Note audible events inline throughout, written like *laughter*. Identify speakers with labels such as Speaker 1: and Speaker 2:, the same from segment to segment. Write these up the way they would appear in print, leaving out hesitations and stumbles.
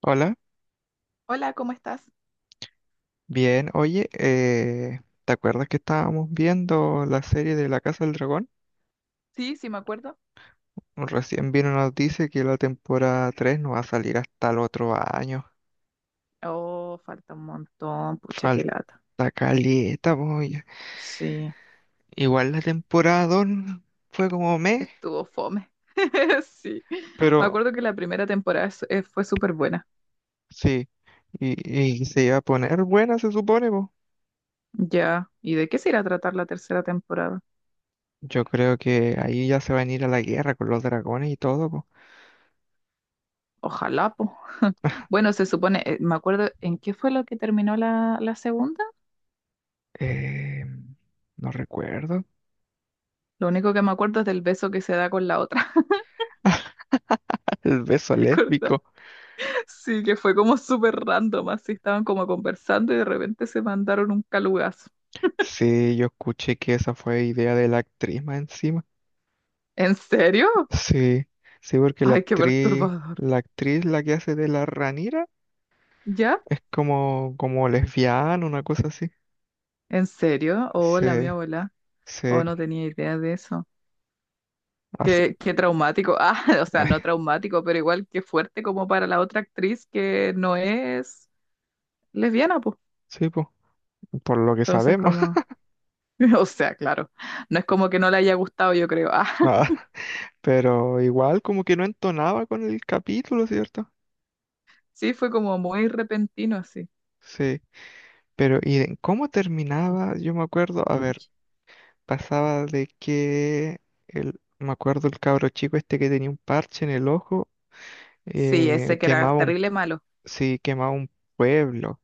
Speaker 1: Hola,
Speaker 2: Hola, ¿cómo estás?
Speaker 1: bien, oye, ¿te acuerdas que estábamos viendo la serie de La Casa del Dragón?
Speaker 2: Sí, sí me acuerdo.
Speaker 1: Recién vino nos dice que la temporada 3 no va a salir hasta el otro año.
Speaker 2: Oh, falta un montón, pucha, qué lata.
Speaker 1: Falta caleta, voy.
Speaker 2: Sí,
Speaker 1: Igual la temporada 2 fue como mes,
Speaker 2: estuvo fome. *laughs* Sí, me
Speaker 1: pero
Speaker 2: acuerdo que la primera temporada fue súper buena.
Speaker 1: sí, y se iba a poner buena, se supone, po.
Speaker 2: Ya, ¿y de qué se irá a tratar la tercera temporada?
Speaker 1: Yo creo que ahí ya se van a ir a la guerra con los dragones y todo, po.
Speaker 2: Ojalá, po. *laughs* Bueno, se supone, me acuerdo, ¿en qué fue lo que terminó la segunda?
Speaker 1: Eh, no recuerdo.
Speaker 2: Lo único que me acuerdo es del beso que se da con la otra,
Speaker 1: *laughs* El beso
Speaker 2: *laughs* ¿recuerdas?
Speaker 1: lésbico.
Speaker 2: Sí, que fue como súper random, así estaban como conversando y de repente se mandaron un calugazo.
Speaker 1: Sí, yo escuché que esa fue idea de la actriz más encima.
Speaker 2: ¿En serio?
Speaker 1: Sí, sí, porque la
Speaker 2: Ay, qué
Speaker 1: actriz,
Speaker 2: perturbador.
Speaker 1: la actriz la que hace de la Ranira
Speaker 2: ¿Ya?
Speaker 1: es como, como lesbiana, una cosa así.
Speaker 2: ¿En serio? Hola, mi
Speaker 1: Sí,
Speaker 2: abuela. Oh,
Speaker 1: sí,
Speaker 2: no tenía idea de eso.
Speaker 1: así.
Speaker 2: Qué, qué traumático. *laughs* Ah, o sea, no
Speaker 1: *sighs*
Speaker 2: traumático, pero igual qué fuerte como para la otra actriz que no es lesbiana, pues.
Speaker 1: Sí, po, por lo que
Speaker 2: Entonces,
Speaker 1: sabemos.
Speaker 2: como,
Speaker 1: *laughs*
Speaker 2: *laughs* o sea, claro, no es como que no le haya gustado, yo creo. Ah,
Speaker 1: Nada. Pero igual como que no entonaba con el capítulo, ¿cierto?
Speaker 2: *laughs* sí, fue como muy repentino, así.
Speaker 1: Sí. Pero, ¿y en cómo terminaba? Yo me acuerdo, a ver, pasaba de que el, me acuerdo el cabro chico este que tenía un parche en el ojo.
Speaker 2: Sí, ese que era
Speaker 1: Quemaba un,
Speaker 2: terrible malo.
Speaker 1: sí, quemaba un pueblo.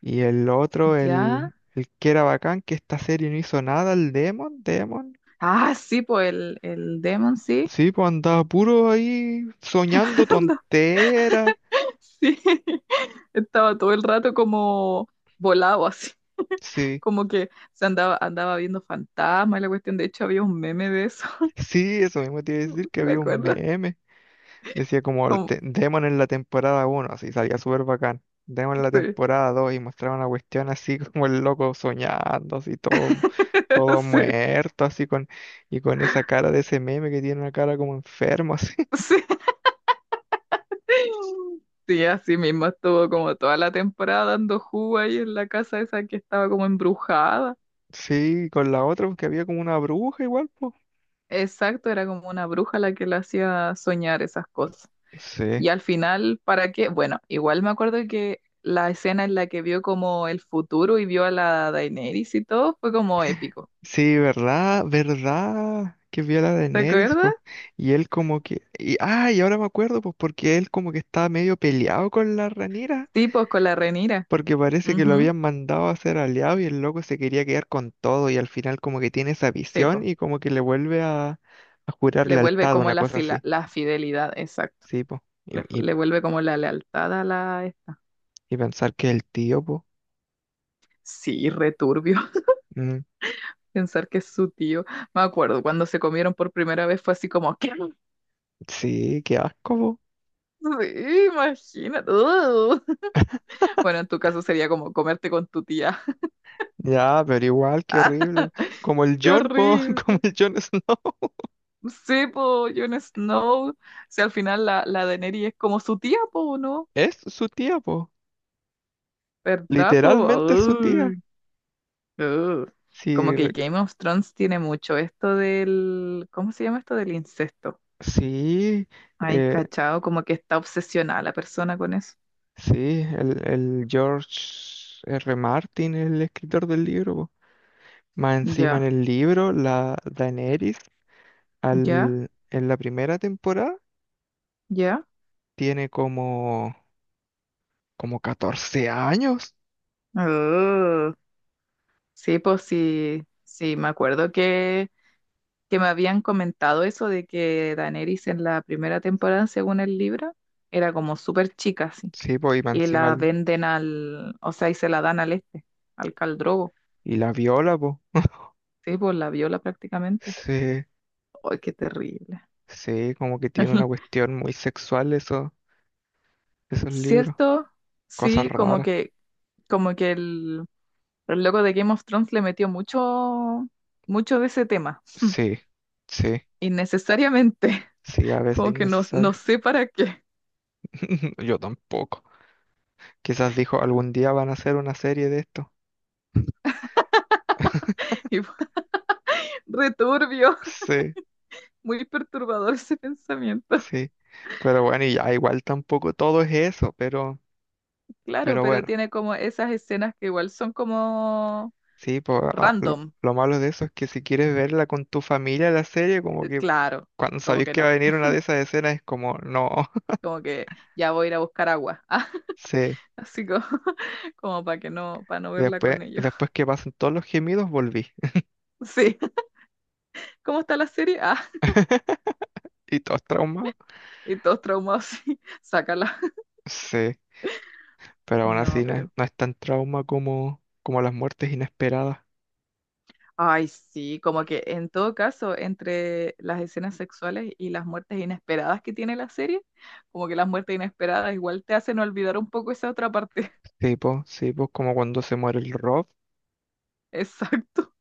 Speaker 1: Y el otro,
Speaker 2: ¿Ya?
Speaker 1: el que era bacán, que esta serie no hizo nada, el Demon, Demon.
Speaker 2: Ah, sí, pues el Demon, sí.
Speaker 1: Sí, pues andaba puro ahí soñando
Speaker 2: *laughs*
Speaker 1: tonteras.
Speaker 2: Sí. Estaba todo el rato como volado *laughs* así,
Speaker 1: Sí,
Speaker 2: como que se andaba, andaba viendo fantasmas y la cuestión. De hecho, había un meme de eso,
Speaker 1: *laughs* sí, eso mismo te iba a decir
Speaker 2: *laughs*
Speaker 1: que
Speaker 2: ¿te
Speaker 1: había un
Speaker 2: acuerdas?
Speaker 1: meme. Decía como el
Speaker 2: Como,
Speaker 1: Demon en la temporada uno así salía súper bacán. Demon en la
Speaker 2: sí,
Speaker 1: temporada 2 y mostraban la cuestión así *laughs* como el loco soñando, así todo,
Speaker 2: *laughs*
Speaker 1: todo
Speaker 2: sí,
Speaker 1: muerto, así con, y con esa cara de ese meme que tiene una cara como enfermo, así. *laughs*
Speaker 2: sí. Sí, así mismo estuvo como toda la temporada dando jugo ahí en la casa esa que estaba como embrujada.
Speaker 1: Sí, con la otra, porque había como una bruja igual, pues.
Speaker 2: Exacto, era como una bruja la que le hacía soñar esas cosas.
Speaker 1: Sí.
Speaker 2: Y al final, ¿para qué? Bueno, igual me acuerdo que la escena en la que vio como el futuro y vio a la Daenerys y todo fue como épico.
Speaker 1: Sí, verdad, verdad, que vio a la
Speaker 2: ¿Te
Speaker 1: Daenerys,
Speaker 2: acuerdas?
Speaker 1: pues. Y él como que, y, ah, y ahora me acuerdo, pues, porque él como que estaba medio peleado con la Ranira.
Speaker 2: Sí, pues con la Renira.
Speaker 1: Porque parece que lo
Speaker 2: Ujú.
Speaker 1: habían mandado a ser aliado y el loco se quería quedar con todo y al final como que tiene esa
Speaker 2: Sí,
Speaker 1: visión
Speaker 2: pues.
Speaker 1: y como que le vuelve a jurar
Speaker 2: Le vuelve
Speaker 1: lealtad,
Speaker 2: como
Speaker 1: una
Speaker 2: la
Speaker 1: cosa
Speaker 2: fila,
Speaker 1: así.
Speaker 2: la fidelidad, exacto.
Speaker 1: Sí, po. Y,
Speaker 2: Le, le vuelve como la lealtad a la esta.
Speaker 1: y pensar que el tío, po.
Speaker 2: Sí, returbio. *laughs*
Speaker 1: Mm,
Speaker 2: Pensar que es su tío. Me acuerdo, cuando se comieron por primera vez fue así como, ¿qué?
Speaker 1: sí, qué asco, po.
Speaker 2: Sí, imagínate. *laughs* Bueno, en tu caso sería como comerte con tu tía.
Speaker 1: Ya, pero igual, qué
Speaker 2: *laughs*
Speaker 1: horrible. Como el
Speaker 2: ¡Qué
Speaker 1: John, po. *laughs* Como
Speaker 2: horrible!
Speaker 1: el John Snow. *laughs*
Speaker 2: Sí, po, Jon Snow. Si al final la Daenerys es como su tía, po, ¿no?
Speaker 1: Es su tía, po.
Speaker 2: ¿Verdad, po?
Speaker 1: Literalmente es su tía.
Speaker 2: Ay, ugh. Como
Speaker 1: Sí,
Speaker 2: que Game of Thrones tiene mucho esto del... ¿Cómo se llama esto del incesto?
Speaker 1: sí,
Speaker 2: Ay,
Speaker 1: eh,
Speaker 2: cachao, como que está obsesionada la persona con eso.
Speaker 1: sí, el George R. Martin, el escritor del libro, po. Más encima en
Speaker 2: Ya,
Speaker 1: el libro, la Daenerys,
Speaker 2: ya,
Speaker 1: al, en la primera temporada,
Speaker 2: ya.
Speaker 1: tiene como, como 14 años.
Speaker 2: Ugh. Sí, pues sí, sí, me acuerdo que me habían comentado eso de que Daenerys en la primera temporada, según el libro, era como súper chica,
Speaker 1: Sí, pues, y más
Speaker 2: y
Speaker 1: encima
Speaker 2: la venden al, o sea, y se la dan al este, al Caldrogo.
Speaker 1: y la viola, pues.
Speaker 2: Sí, pues la viola prácticamente.
Speaker 1: Sí,
Speaker 2: ¡Ay, qué terrible!
Speaker 1: sí, como que tiene una cuestión muy sexual eso, esos libros.
Speaker 2: ¿Cierto?
Speaker 1: Cosas
Speaker 2: Sí,
Speaker 1: raras.
Speaker 2: como que el loco de Game of Thrones le metió mucho, mucho de ese tema,
Speaker 1: Sí, sí,
Speaker 2: innecesariamente. *laughs*
Speaker 1: sí, a veces
Speaker 2: Como que no, no
Speaker 1: innecesario.
Speaker 2: sé para qué.
Speaker 1: *laughs* Yo tampoco. Quizás dijo, algún día van a hacer una serie de esto. *laughs*
Speaker 2: *laughs* Y fue re
Speaker 1: Sí,
Speaker 2: muy perturbador ese pensamiento.
Speaker 1: sí. Pero bueno, y ya igual tampoco todo es eso, pero
Speaker 2: Claro,
Speaker 1: Pero
Speaker 2: pero
Speaker 1: bueno,
Speaker 2: tiene como esas escenas que igual son como
Speaker 1: sí, pues
Speaker 2: random.
Speaker 1: lo malo de eso es que si quieres verla con tu familia la serie, como que
Speaker 2: Claro,
Speaker 1: cuando
Speaker 2: como
Speaker 1: sabéis
Speaker 2: que
Speaker 1: que va
Speaker 2: no,
Speaker 1: a venir una de esas escenas es como, no, *laughs*
Speaker 2: como que ya voy a ir a buscar agua. Ah, *laughs*
Speaker 1: sí.
Speaker 2: así como, *laughs* como para que no, para no
Speaker 1: Y
Speaker 2: verla
Speaker 1: después,
Speaker 2: con ellos.
Speaker 1: después
Speaker 2: *laughs*
Speaker 1: que pasan todos los gemidos, volví. *laughs*
Speaker 2: Sí, ¿cómo está la serie? Ah,
Speaker 1: Y todos traumados.
Speaker 2: y todos traumados, sí, *laughs* sácala.
Speaker 1: Sí, pero aún
Speaker 2: No,
Speaker 1: así no es,
Speaker 2: pero.
Speaker 1: no es tan trauma como, como las muertes inesperadas.
Speaker 2: Ay, sí, como que en todo caso, entre las escenas sexuales y las muertes inesperadas que tiene la serie, como que las muertes inesperadas igual te hacen olvidar un poco esa otra parte.
Speaker 1: Sí, pues como cuando se muere el Rob.
Speaker 2: *laughs* Exacto.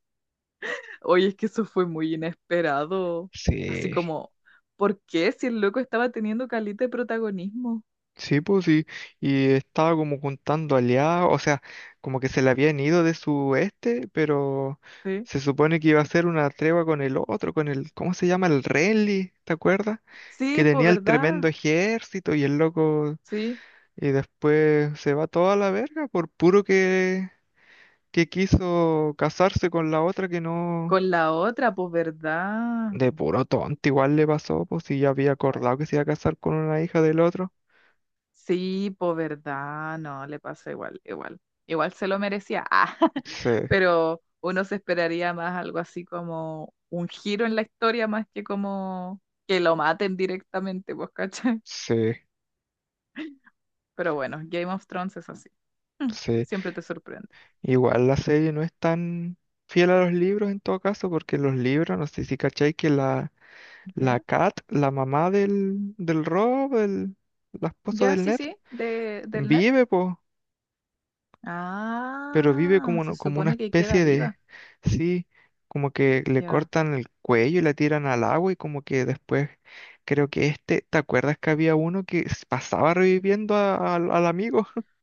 Speaker 2: Oye, es que eso fue muy inesperado. Así
Speaker 1: Sí,
Speaker 2: como, ¿por qué si el loco estaba teniendo calita de protagonismo?
Speaker 1: sí, pues sí, y estaba como juntando aliados, o sea, como que se le habían ido de su este, pero
Speaker 2: Sí.
Speaker 1: se supone que iba a ser una tregua con el otro, con el, ¿cómo se llama? El Renly, ¿te acuerdas? Que
Speaker 2: Sí, pues
Speaker 1: tenía el
Speaker 2: verdad.
Speaker 1: tremendo ejército y el loco,
Speaker 2: Sí.
Speaker 1: y después se va toda la verga por puro que quiso casarse con la otra que no,
Speaker 2: Con la otra, pues verdad.
Speaker 1: de puro tonto, igual le pasó, pues si ya había
Speaker 2: Bueno,
Speaker 1: acordado que se iba a casar con una hija del otro.
Speaker 2: sí, pues verdad. No, le pasó igual, igual. Igual se lo merecía. Ah, *laughs*
Speaker 1: Sí,
Speaker 2: pero uno se esperaría más algo así como un giro en la historia más que como que lo maten directamente, pues, ¿cachai?
Speaker 1: sí,
Speaker 2: Pero bueno, Game of Thrones es así. Mm,
Speaker 1: sí.
Speaker 2: siempre te sorprende.
Speaker 1: Igual la serie no es tan fiel a los libros en todo caso, porque los libros, no sé si cachai que la, la
Speaker 2: ¿Ya?
Speaker 1: Kat, la mamá del, del Rob, la esposa
Speaker 2: Ya,
Speaker 1: del
Speaker 2: sí,
Speaker 1: Ned,
Speaker 2: sí, de, del net.
Speaker 1: vive, po, pero vive
Speaker 2: Ah,
Speaker 1: como,
Speaker 2: se
Speaker 1: como una
Speaker 2: supone que queda
Speaker 1: especie de,
Speaker 2: viva.
Speaker 1: sí, como que le
Speaker 2: Ya.
Speaker 1: cortan el cuello y la tiran al agua y como que después, creo que este, ¿te acuerdas que había uno que pasaba reviviendo al amigo? *laughs*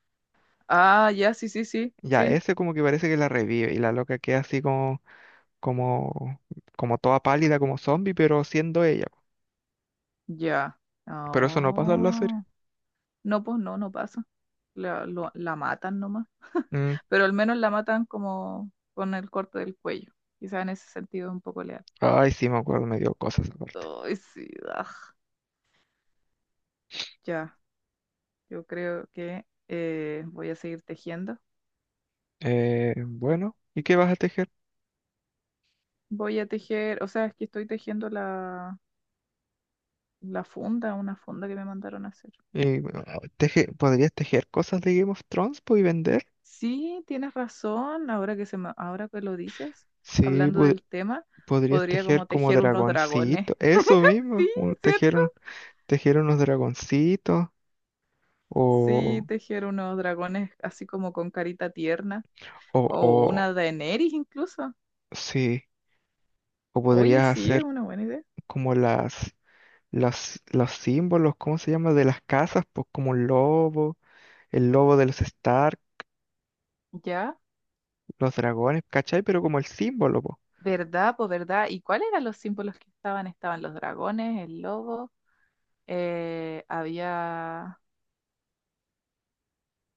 Speaker 2: Ah, ya, sí, sí, sí,
Speaker 1: Ya,
Speaker 2: sí,
Speaker 1: ese como que parece que la revive y la loca queda así como como, como toda pálida, como zombie, pero siendo ella.
Speaker 2: ya.
Speaker 1: Pero eso no pasa en la serie.
Speaker 2: Ah, no, pues no, no pasa. La, la matan nomás. *laughs*
Speaker 1: Mm,
Speaker 2: Pero al menos la matan como con el corte del cuello. Quizás en ese sentido es un poco leal.
Speaker 1: ay, sí, me acuerdo, me dio cosas aparte.
Speaker 2: Ay, sí, aj. Ya, yo creo que voy a seguir tejiendo.
Speaker 1: Bueno, ¿y qué vas a tejer?
Speaker 2: Voy a tejer, o sea, es que estoy tejiendo la, la funda, una funda que me mandaron a hacer.
Speaker 1: Y, bueno, ¿podrías tejer cosas de Game of Thrones po, y vender?
Speaker 2: Sí, tienes razón, ahora que ahora que lo dices,
Speaker 1: Sí,
Speaker 2: hablando del tema,
Speaker 1: podrías
Speaker 2: podría
Speaker 1: tejer
Speaker 2: como
Speaker 1: como
Speaker 2: tejer unos dragones.
Speaker 1: dragoncito, eso
Speaker 2: *laughs* Sí,
Speaker 1: mismo,
Speaker 2: ¿cierto?
Speaker 1: un- tejer unos dragoncitos, o,
Speaker 2: Sí, tejer unos dragones así como con carita tierna o
Speaker 1: o,
Speaker 2: una Daenerys incluso.
Speaker 1: sí, o
Speaker 2: Oye,
Speaker 1: podrías
Speaker 2: sí, es
Speaker 1: hacer
Speaker 2: una buena idea.
Speaker 1: como las los símbolos, ¿cómo se llama? De las casas, pues como un lobo, el lobo de los Stark,
Speaker 2: Ya,
Speaker 1: los dragones, ¿cachai? Pero como el símbolo, pues.
Speaker 2: ¿verdad? Pues verdad. ¿Y cuáles eran los símbolos que estaban? Estaban los dragones, el lobo, había...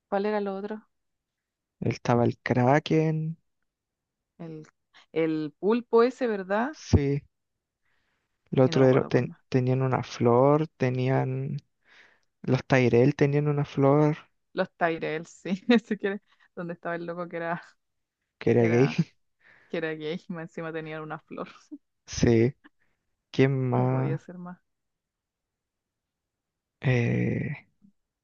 Speaker 2: ¿Cuál era lo otro?
Speaker 1: Estaba el Kraken,
Speaker 2: El, el pulpo ese, ¿verdad?
Speaker 1: sí. El
Speaker 2: Y no
Speaker 1: otro
Speaker 2: me
Speaker 1: era-
Speaker 2: acuerdo cuál más.
Speaker 1: tenían una flor, tenían. Los Tyrell tenían una flor,
Speaker 2: Los Tyrell, sí, *laughs* si quieres, donde estaba el loco que era,
Speaker 1: que era
Speaker 2: que
Speaker 1: gay.
Speaker 2: era,
Speaker 1: *laughs*
Speaker 2: que era gay y más encima tenía una flor.
Speaker 1: Sí. ¿Quién
Speaker 2: No podía
Speaker 1: más?
Speaker 2: ser más.
Speaker 1: Eh,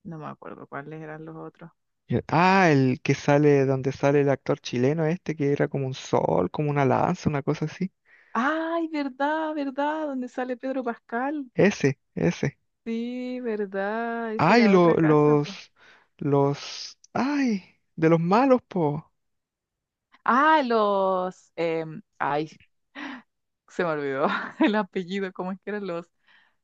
Speaker 2: No me acuerdo cuáles eran los otros.
Speaker 1: ah, el que sale, donde sale el actor chileno este, que era como un sol, como una lanza, una cosa así.
Speaker 2: ¡Ay, verdad, verdad! Donde sale Pedro Pascal.
Speaker 1: Ese, ese.
Speaker 2: Sí, verdad. Esa
Speaker 1: Ay,
Speaker 2: era otra casa, pues.
Speaker 1: los, ay, de los malos, po.
Speaker 2: Ah, los. Ay, se me olvidó *laughs* el apellido. ¿Cómo es que eran los?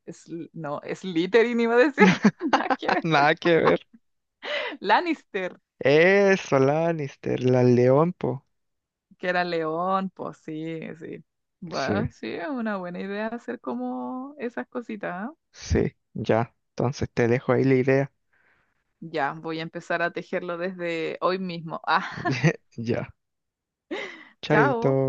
Speaker 2: No, Slytherin iba a decir. *laughs* Nada que
Speaker 1: *laughs*
Speaker 2: ver.
Speaker 1: Nada que ver.
Speaker 2: Lannister.
Speaker 1: Eso, Lannister, la León, po.
Speaker 2: Que era león, pues sí, sí.
Speaker 1: Sí,
Speaker 2: Bueno, sí, es una buena idea hacer como esas cositas. ¿Ah?
Speaker 1: sí, ya. Entonces te dejo ahí la idea.
Speaker 2: Ya, voy a empezar a tejerlo desde hoy mismo. *laughs* Ah,
Speaker 1: *laughs* Ya, chaito.
Speaker 2: chao.